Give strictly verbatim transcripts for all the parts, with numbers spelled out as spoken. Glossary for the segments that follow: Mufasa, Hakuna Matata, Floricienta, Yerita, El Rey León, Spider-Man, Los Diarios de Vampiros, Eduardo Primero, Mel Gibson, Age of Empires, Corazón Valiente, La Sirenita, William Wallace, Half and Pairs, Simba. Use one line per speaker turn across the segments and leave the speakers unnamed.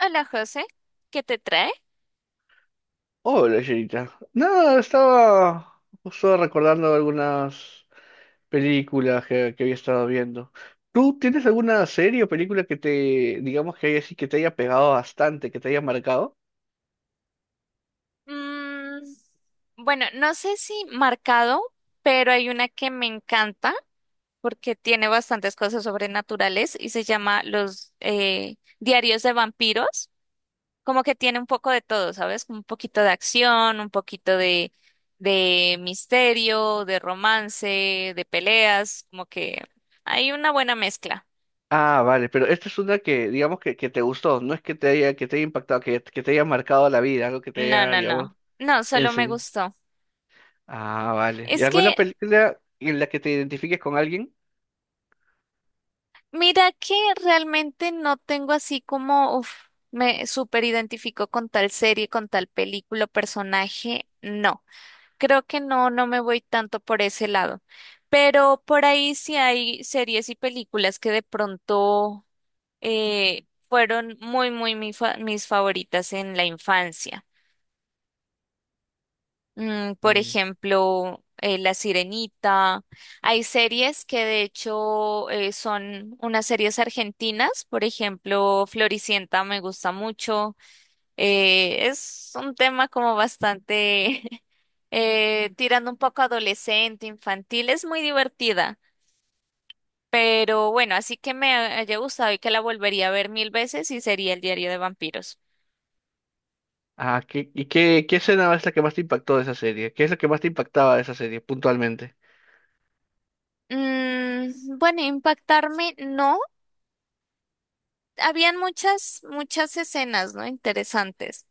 Hola José, ¿qué te trae?
Hola, Yerita. Nada, estaba justo recordando algunas películas que, que había estado viendo. ¿Tú tienes alguna serie o película que te, digamos que haya, sí que te haya pegado bastante, que te haya marcado?
Mm, bueno, no sé si marcado, pero hay una que me encanta porque tiene bastantes cosas sobrenaturales y se llama Los eh, Diarios de Vampiros. Como que tiene un poco de todo, ¿sabes? Un poquito de acción, un poquito de, de misterio, de romance, de peleas, como que hay una buena mezcla.
Ah, vale, pero esta es una que, digamos que, que te gustó, no es que te haya, que te haya impactado, que, que te haya marcado la vida, algo que te
No,
haya,
no,
digamos,
no. No, solo me
enseñado.
gustó.
Ah, vale. ¿Y
Es
alguna
que
película en la que te identifiques con alguien?
mira que realmente no tengo así como, uf, me súper identifico con tal serie, con tal película, personaje. No, creo que no, no me voy tanto por ese lado. Pero por ahí sí hay series y películas que de pronto eh, fueron muy, muy mi fa- mis favoritas en la infancia. Mm, por ejemplo, eh, La Sirenita. Hay series que de hecho eh, son unas series argentinas. Por ejemplo, Floricienta me gusta mucho. Eh, es un tema como bastante eh, tirando un poco adolescente, infantil. Es muy divertida. Pero bueno, así que me haya gustado y que la volvería a ver mil veces y sería El Diario de Vampiros.
Ah, ¿qué, y qué, qué escena es la que más te impactó de esa serie? ¿Qué es lo que más te impactaba de esa serie puntualmente?
Mm, bueno, impactarme no. Habían muchas, muchas escenas, ¿no? Interesantes.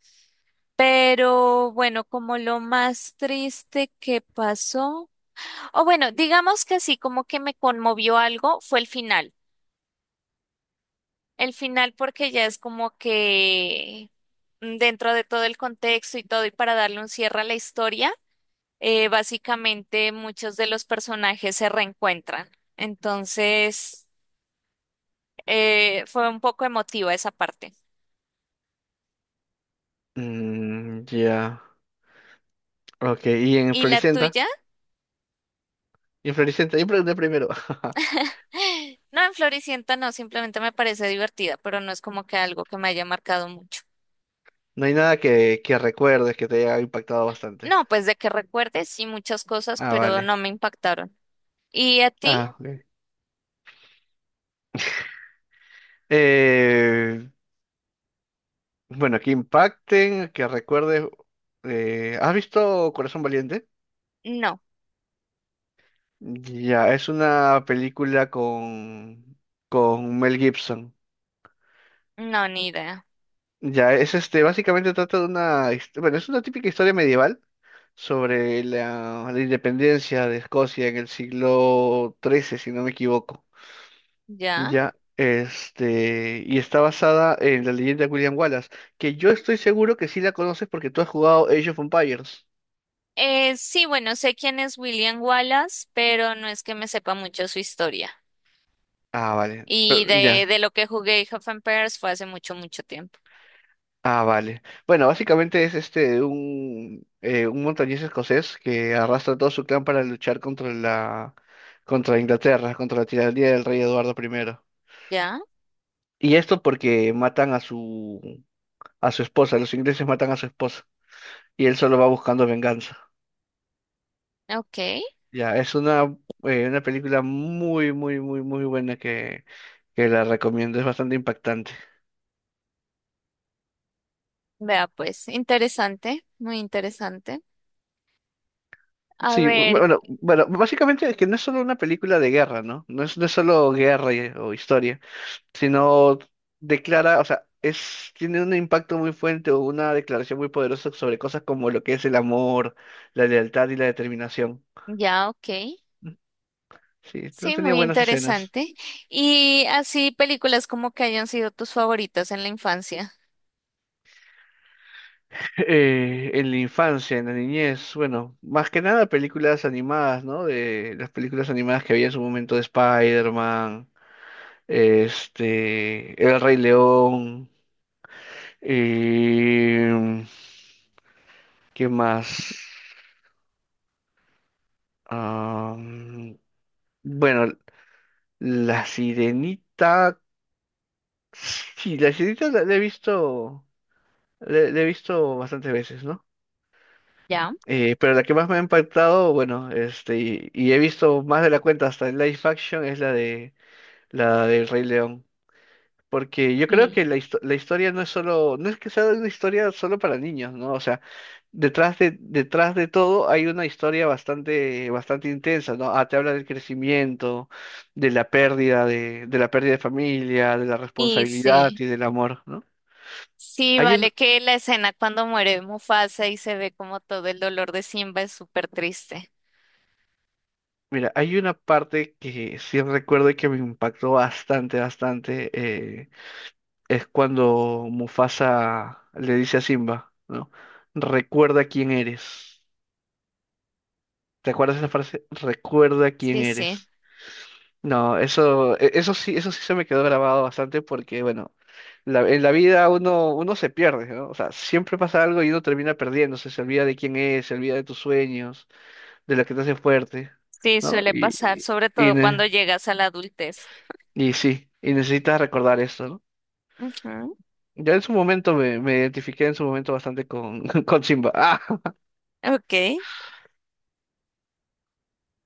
Pero bueno, como lo más triste que pasó, o bueno, digamos que sí, como que me conmovió algo, fue el final. El final porque ya es como que mm, dentro de todo el contexto y todo, y para darle un cierre a la historia, eh, básicamente muchos de los personajes se reencuentran. Entonces, eh, fue un poco emotiva esa parte.
Mm, ya. Ok, y en
¿Y la
Floricienta,
tuya?
y en Floricienta, yo pregunté primero.
No, en Floricienta no, simplemente me parece divertida, pero no es como que algo que me haya marcado mucho.
No hay nada que, que recuerdes que te haya impactado bastante.
No, pues de que recuerdes, sí, muchas cosas,
Ah,
pero
vale.
no me impactaron. ¿Y a ti?
Ah, ok. Eh, bueno, que impacten, que recuerdes. Eh, ¿has visto Corazón Valiente?
No,
Ya, es una película con, con Mel Gibson.
no, ni idea.
Ya, es este, básicamente trata de una, hist- bueno, es una típica historia medieval sobre la, la independencia de Escocia en el siglo trece si no me equivoco.
¿Ya?
Ya, este, y está basada en la leyenda de William Wallace, que yo estoy seguro que sí la conoces porque tú has jugado Age of Empires.
Eh, sí, bueno, sé quién es William Wallace, pero no es que me sepa mucho su historia.
Ah, vale,
Y
pero-
de,
ya,
de lo que jugué Half and Pairs fue hace mucho, mucho tiempo.
ah, vale. Bueno, básicamente es este un, eh, un montañés escocés que arrastra todo su clan para luchar contra la contra Inglaterra, contra la tiranía del rey Eduardo primero.
¿Ya?
Y esto porque matan a su a su esposa, los ingleses matan a su esposa y él solo va buscando venganza.
Ok.
Ya, es una eh, una película muy muy muy muy buena que que la recomiendo, es bastante impactante.
Vea, pues, interesante, muy interesante. A
Sí, bu-
ver,
bueno, bueno, básicamente es que no es solo una película de guerra, ¿no? No es, no es solo guerra y- o historia, sino declara, o sea, es, tiene un impacto muy fuerte o una declaración muy poderosa sobre cosas como lo que es el amor, la lealtad y la determinación.
ya, ok.
Mm, sí, esto
Sí,
tenía
muy
buenas escenas.
interesante. Y así películas como que hayan sido tus favoritas en la infancia.
Eh, en la infancia, en la niñez, bueno, más que nada películas animadas, ¿no? De las películas animadas que había en su momento de Spider-Man, este, El Rey León, eh, ¿qué más? Ah, mm, bueno, La sirenita. Sí, la sirenita la, la he visto. La, la he visto bastantes veces, ¿no?
¿Ya?
Eh, pero la que más me ha impactado, bueno, este, y, y he visto más de la cuenta hasta el live action, es la de la del Rey León. Porque yo creo
Sí.
que la, histo- la historia no es solo, no es que sea una historia solo para niños, ¿no? O sea, detrás de, detrás de todo hay una historia bastante, bastante intensa, ¿no? Ah, te habla del crecimiento, de la pérdida de, de la pérdida de familia, de la
Y
responsabilidad
sí,
y del amor, ¿no?
sí,
Hay un,
vale que la escena cuando muere Mufasa y se ve como todo el dolor de Simba es súper triste.
mira, hay una parte que sí recuerdo y que me impactó bastante, bastante, eh, es cuando Mufasa le dice a Simba, ¿no? Recuerda quién eres. ¿Te acuerdas esa frase? Recuerda quién
Sí, sí,
eres. No, eso, e- eso sí, eso sí se me quedó grabado bastante porque, bueno, la- en la vida uno, uno se pierde, ¿no? O sea, siempre pasa algo y uno termina perdiéndose, se olvida de quién es, se olvida de tus sueños, de lo que te hace fuerte,
sí,
¿no?
suele
Y,
pasar,
y,
sobre
y
todo cuando
ne-
llegas a la adultez.
y sí, y necesitas recordar eso, ¿no?
Ujú,
Yo en su momento me, me identifiqué en su momento bastante con, con Simba. Ah,
ok.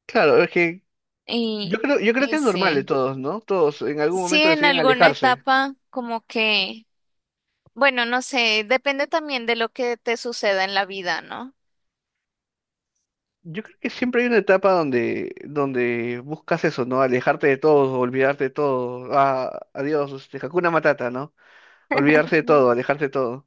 claro, es que
Y,
yo creo, yo creo que
y
es normal de
sí,
todos, ¿no? Todos en algún
sí,
momento
en
deciden
alguna
alejarse.
etapa como que, bueno, no sé, depende también de lo que te suceda en la vida, ¿no?
Yo creo que siempre hay una etapa donde, donde buscas eso, ¿no? Alejarte de todo, olvidarte de todo. Ah, adiós, este, Hakuna Matata, ¿no? Olvidarse de todo, alejarte de todo.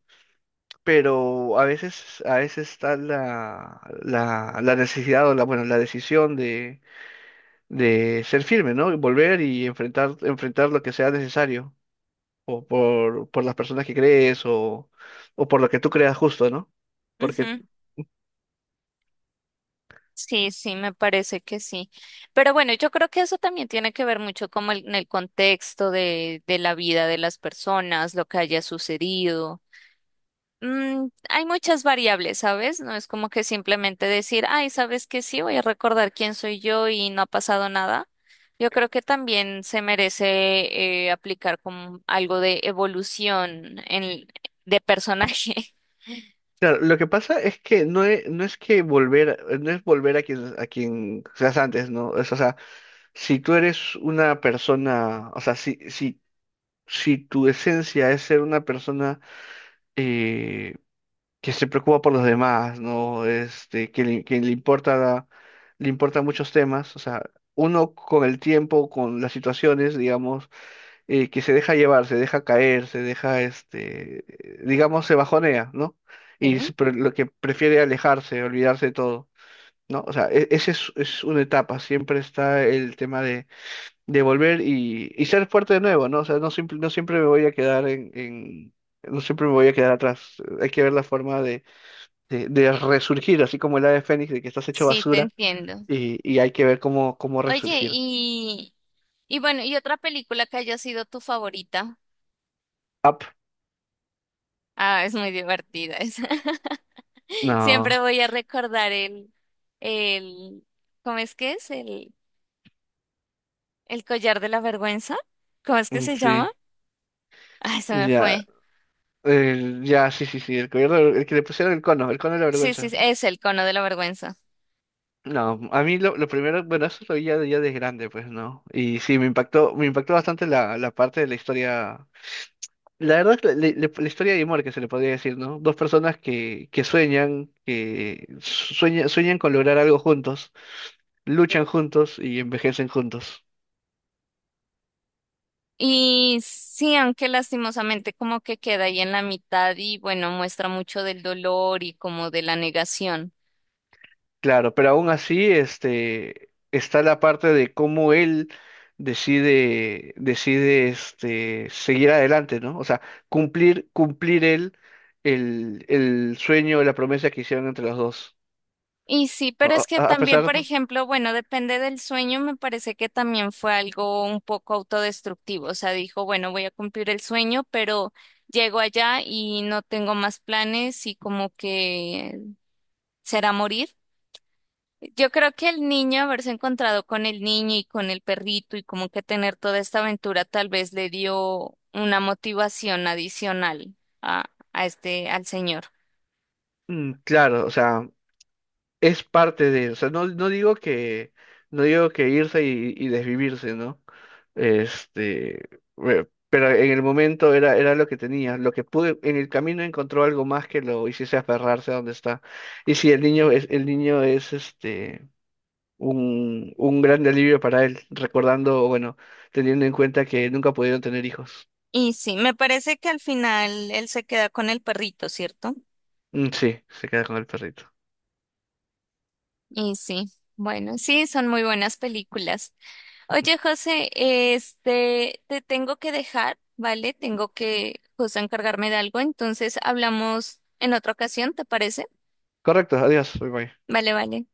Pero a veces, a veces está la, la, la necesidad o la, bueno, la decisión de, de ser firme, ¿no? Y volver y enfrentar, enfrentar lo que sea necesario. O por, por las personas que crees o, o por lo que tú creas justo, ¿no? Porque
Ujú. Sí, sí, me parece que sí. Pero bueno, yo creo que eso también tiene que ver mucho como el- en el contexto de, de la vida de las personas, lo que haya sucedido. Mm, hay muchas variables, ¿sabes? No es como que simplemente decir, ay, ¿sabes qué? Sí, voy a recordar quién soy yo y no ha pasado nada. Yo creo que también se merece eh, aplicar como algo de evolución en, de personaje.
claro, lo que pasa es que no es, no es que volver, no es volver a quien, a quien seas antes, ¿no? Es, o sea, si tú eres una persona, o sea, si, si, si tu esencia es ser una persona eh, que se preocupa por los demás, ¿no? Este, que le, que le importa, le importan muchos temas, o sea, uno con el tiempo, con las situaciones, digamos, eh, que se deja llevar, se deja caer, se deja, este, digamos, se bajonea, ¿no? Y
Sí,
s- pre- lo que prefiere alejarse, olvidarse de todo, ¿no? O sea, e- esa es, es una etapa, siempre está el tema de, de volver y, y ser fuerte de nuevo, ¿no? O sea, no, simple- no siempre me voy a quedar en, en- no siempre me voy a quedar atrás, hay que ver la forma de, de, de resurgir, así como el ave fénix, de que estás hecho
sí, te
basura
entiendo.
y, y hay que ver cómo, cómo
Oye,
resurgir.
y, y bueno, ¿y otra película que haya sido tu favorita?
Up,
Ah, es muy divertida esa. Siempre
no,
voy a recordar el, el, ¿cómo es que es? El, el collar de la vergüenza. ¿Cómo es que
mm,
se llama?
sí.
Ah, se me
Ya,
fue.
El- ya, sí, sí, sí, el gobierno, el que le pusieron el cono, el cono de la
Sí, sí,
vergüenza.
es el cono de la vergüenza.
No, a mí lo, lo primero, bueno, eso lo vi ya, de- ya de grande, pues, ¿no? Y sí, me impactó, me impactó bastante la, la parte de la historia, la verdad, es la, la- la- la historia de amor que se le podría decir, ¿no? Dos personas que, que sueñan, que sueñan, sueñan con lograr algo juntos, luchan juntos y envejecen juntos.
Y sí, aunque lastimosamente como que queda ahí en la mitad y bueno, muestra mucho del dolor y como de la negación.
Claro, pero aún así, este, está la parte de cómo él decide, decide, este, seguir adelante, ¿no? O sea, cumplir, cumplir él el, el sueño, la promesa que hicieron entre los dos.
Y sí, pero
A,
es que
a- a
también,
pesar,
por ejemplo, bueno, depende del sueño, me parece que también fue algo un poco autodestructivo, o sea, dijo, bueno, voy a cumplir el sueño, pero llego allá y no tengo más planes y como que será morir. Yo creo que el niño, haberse encontrado con el niño y con el perrito y como que tener toda esta aventura tal vez le dio una motivación adicional a, a este, al señor.
mm, claro, o sea, es parte de, o sea, no, no digo que, no digo que irse y, y desvivirse, ¿no? Este, bueno, pero en el momento era, era lo que tenía. Lo que pude, en el camino encontró algo más que lo hiciese aferrarse a donde está. Y si el niño es, el niño es este un, un gran alivio para él, recordando, bueno, teniendo en cuenta que nunca pudieron tener hijos.
Y sí, me parece que al final él se queda con el perrito, ¿cierto?
Mm, sí, se queda con el perrito.
Y sí, bueno, sí, son muy buenas películas. Oye, José, este, te tengo que dejar, ¿vale? Tengo que justo encargarme de algo, entonces hablamos en otra ocasión, ¿te parece?
Correcto, adiós, bye bye.
Vale, vale.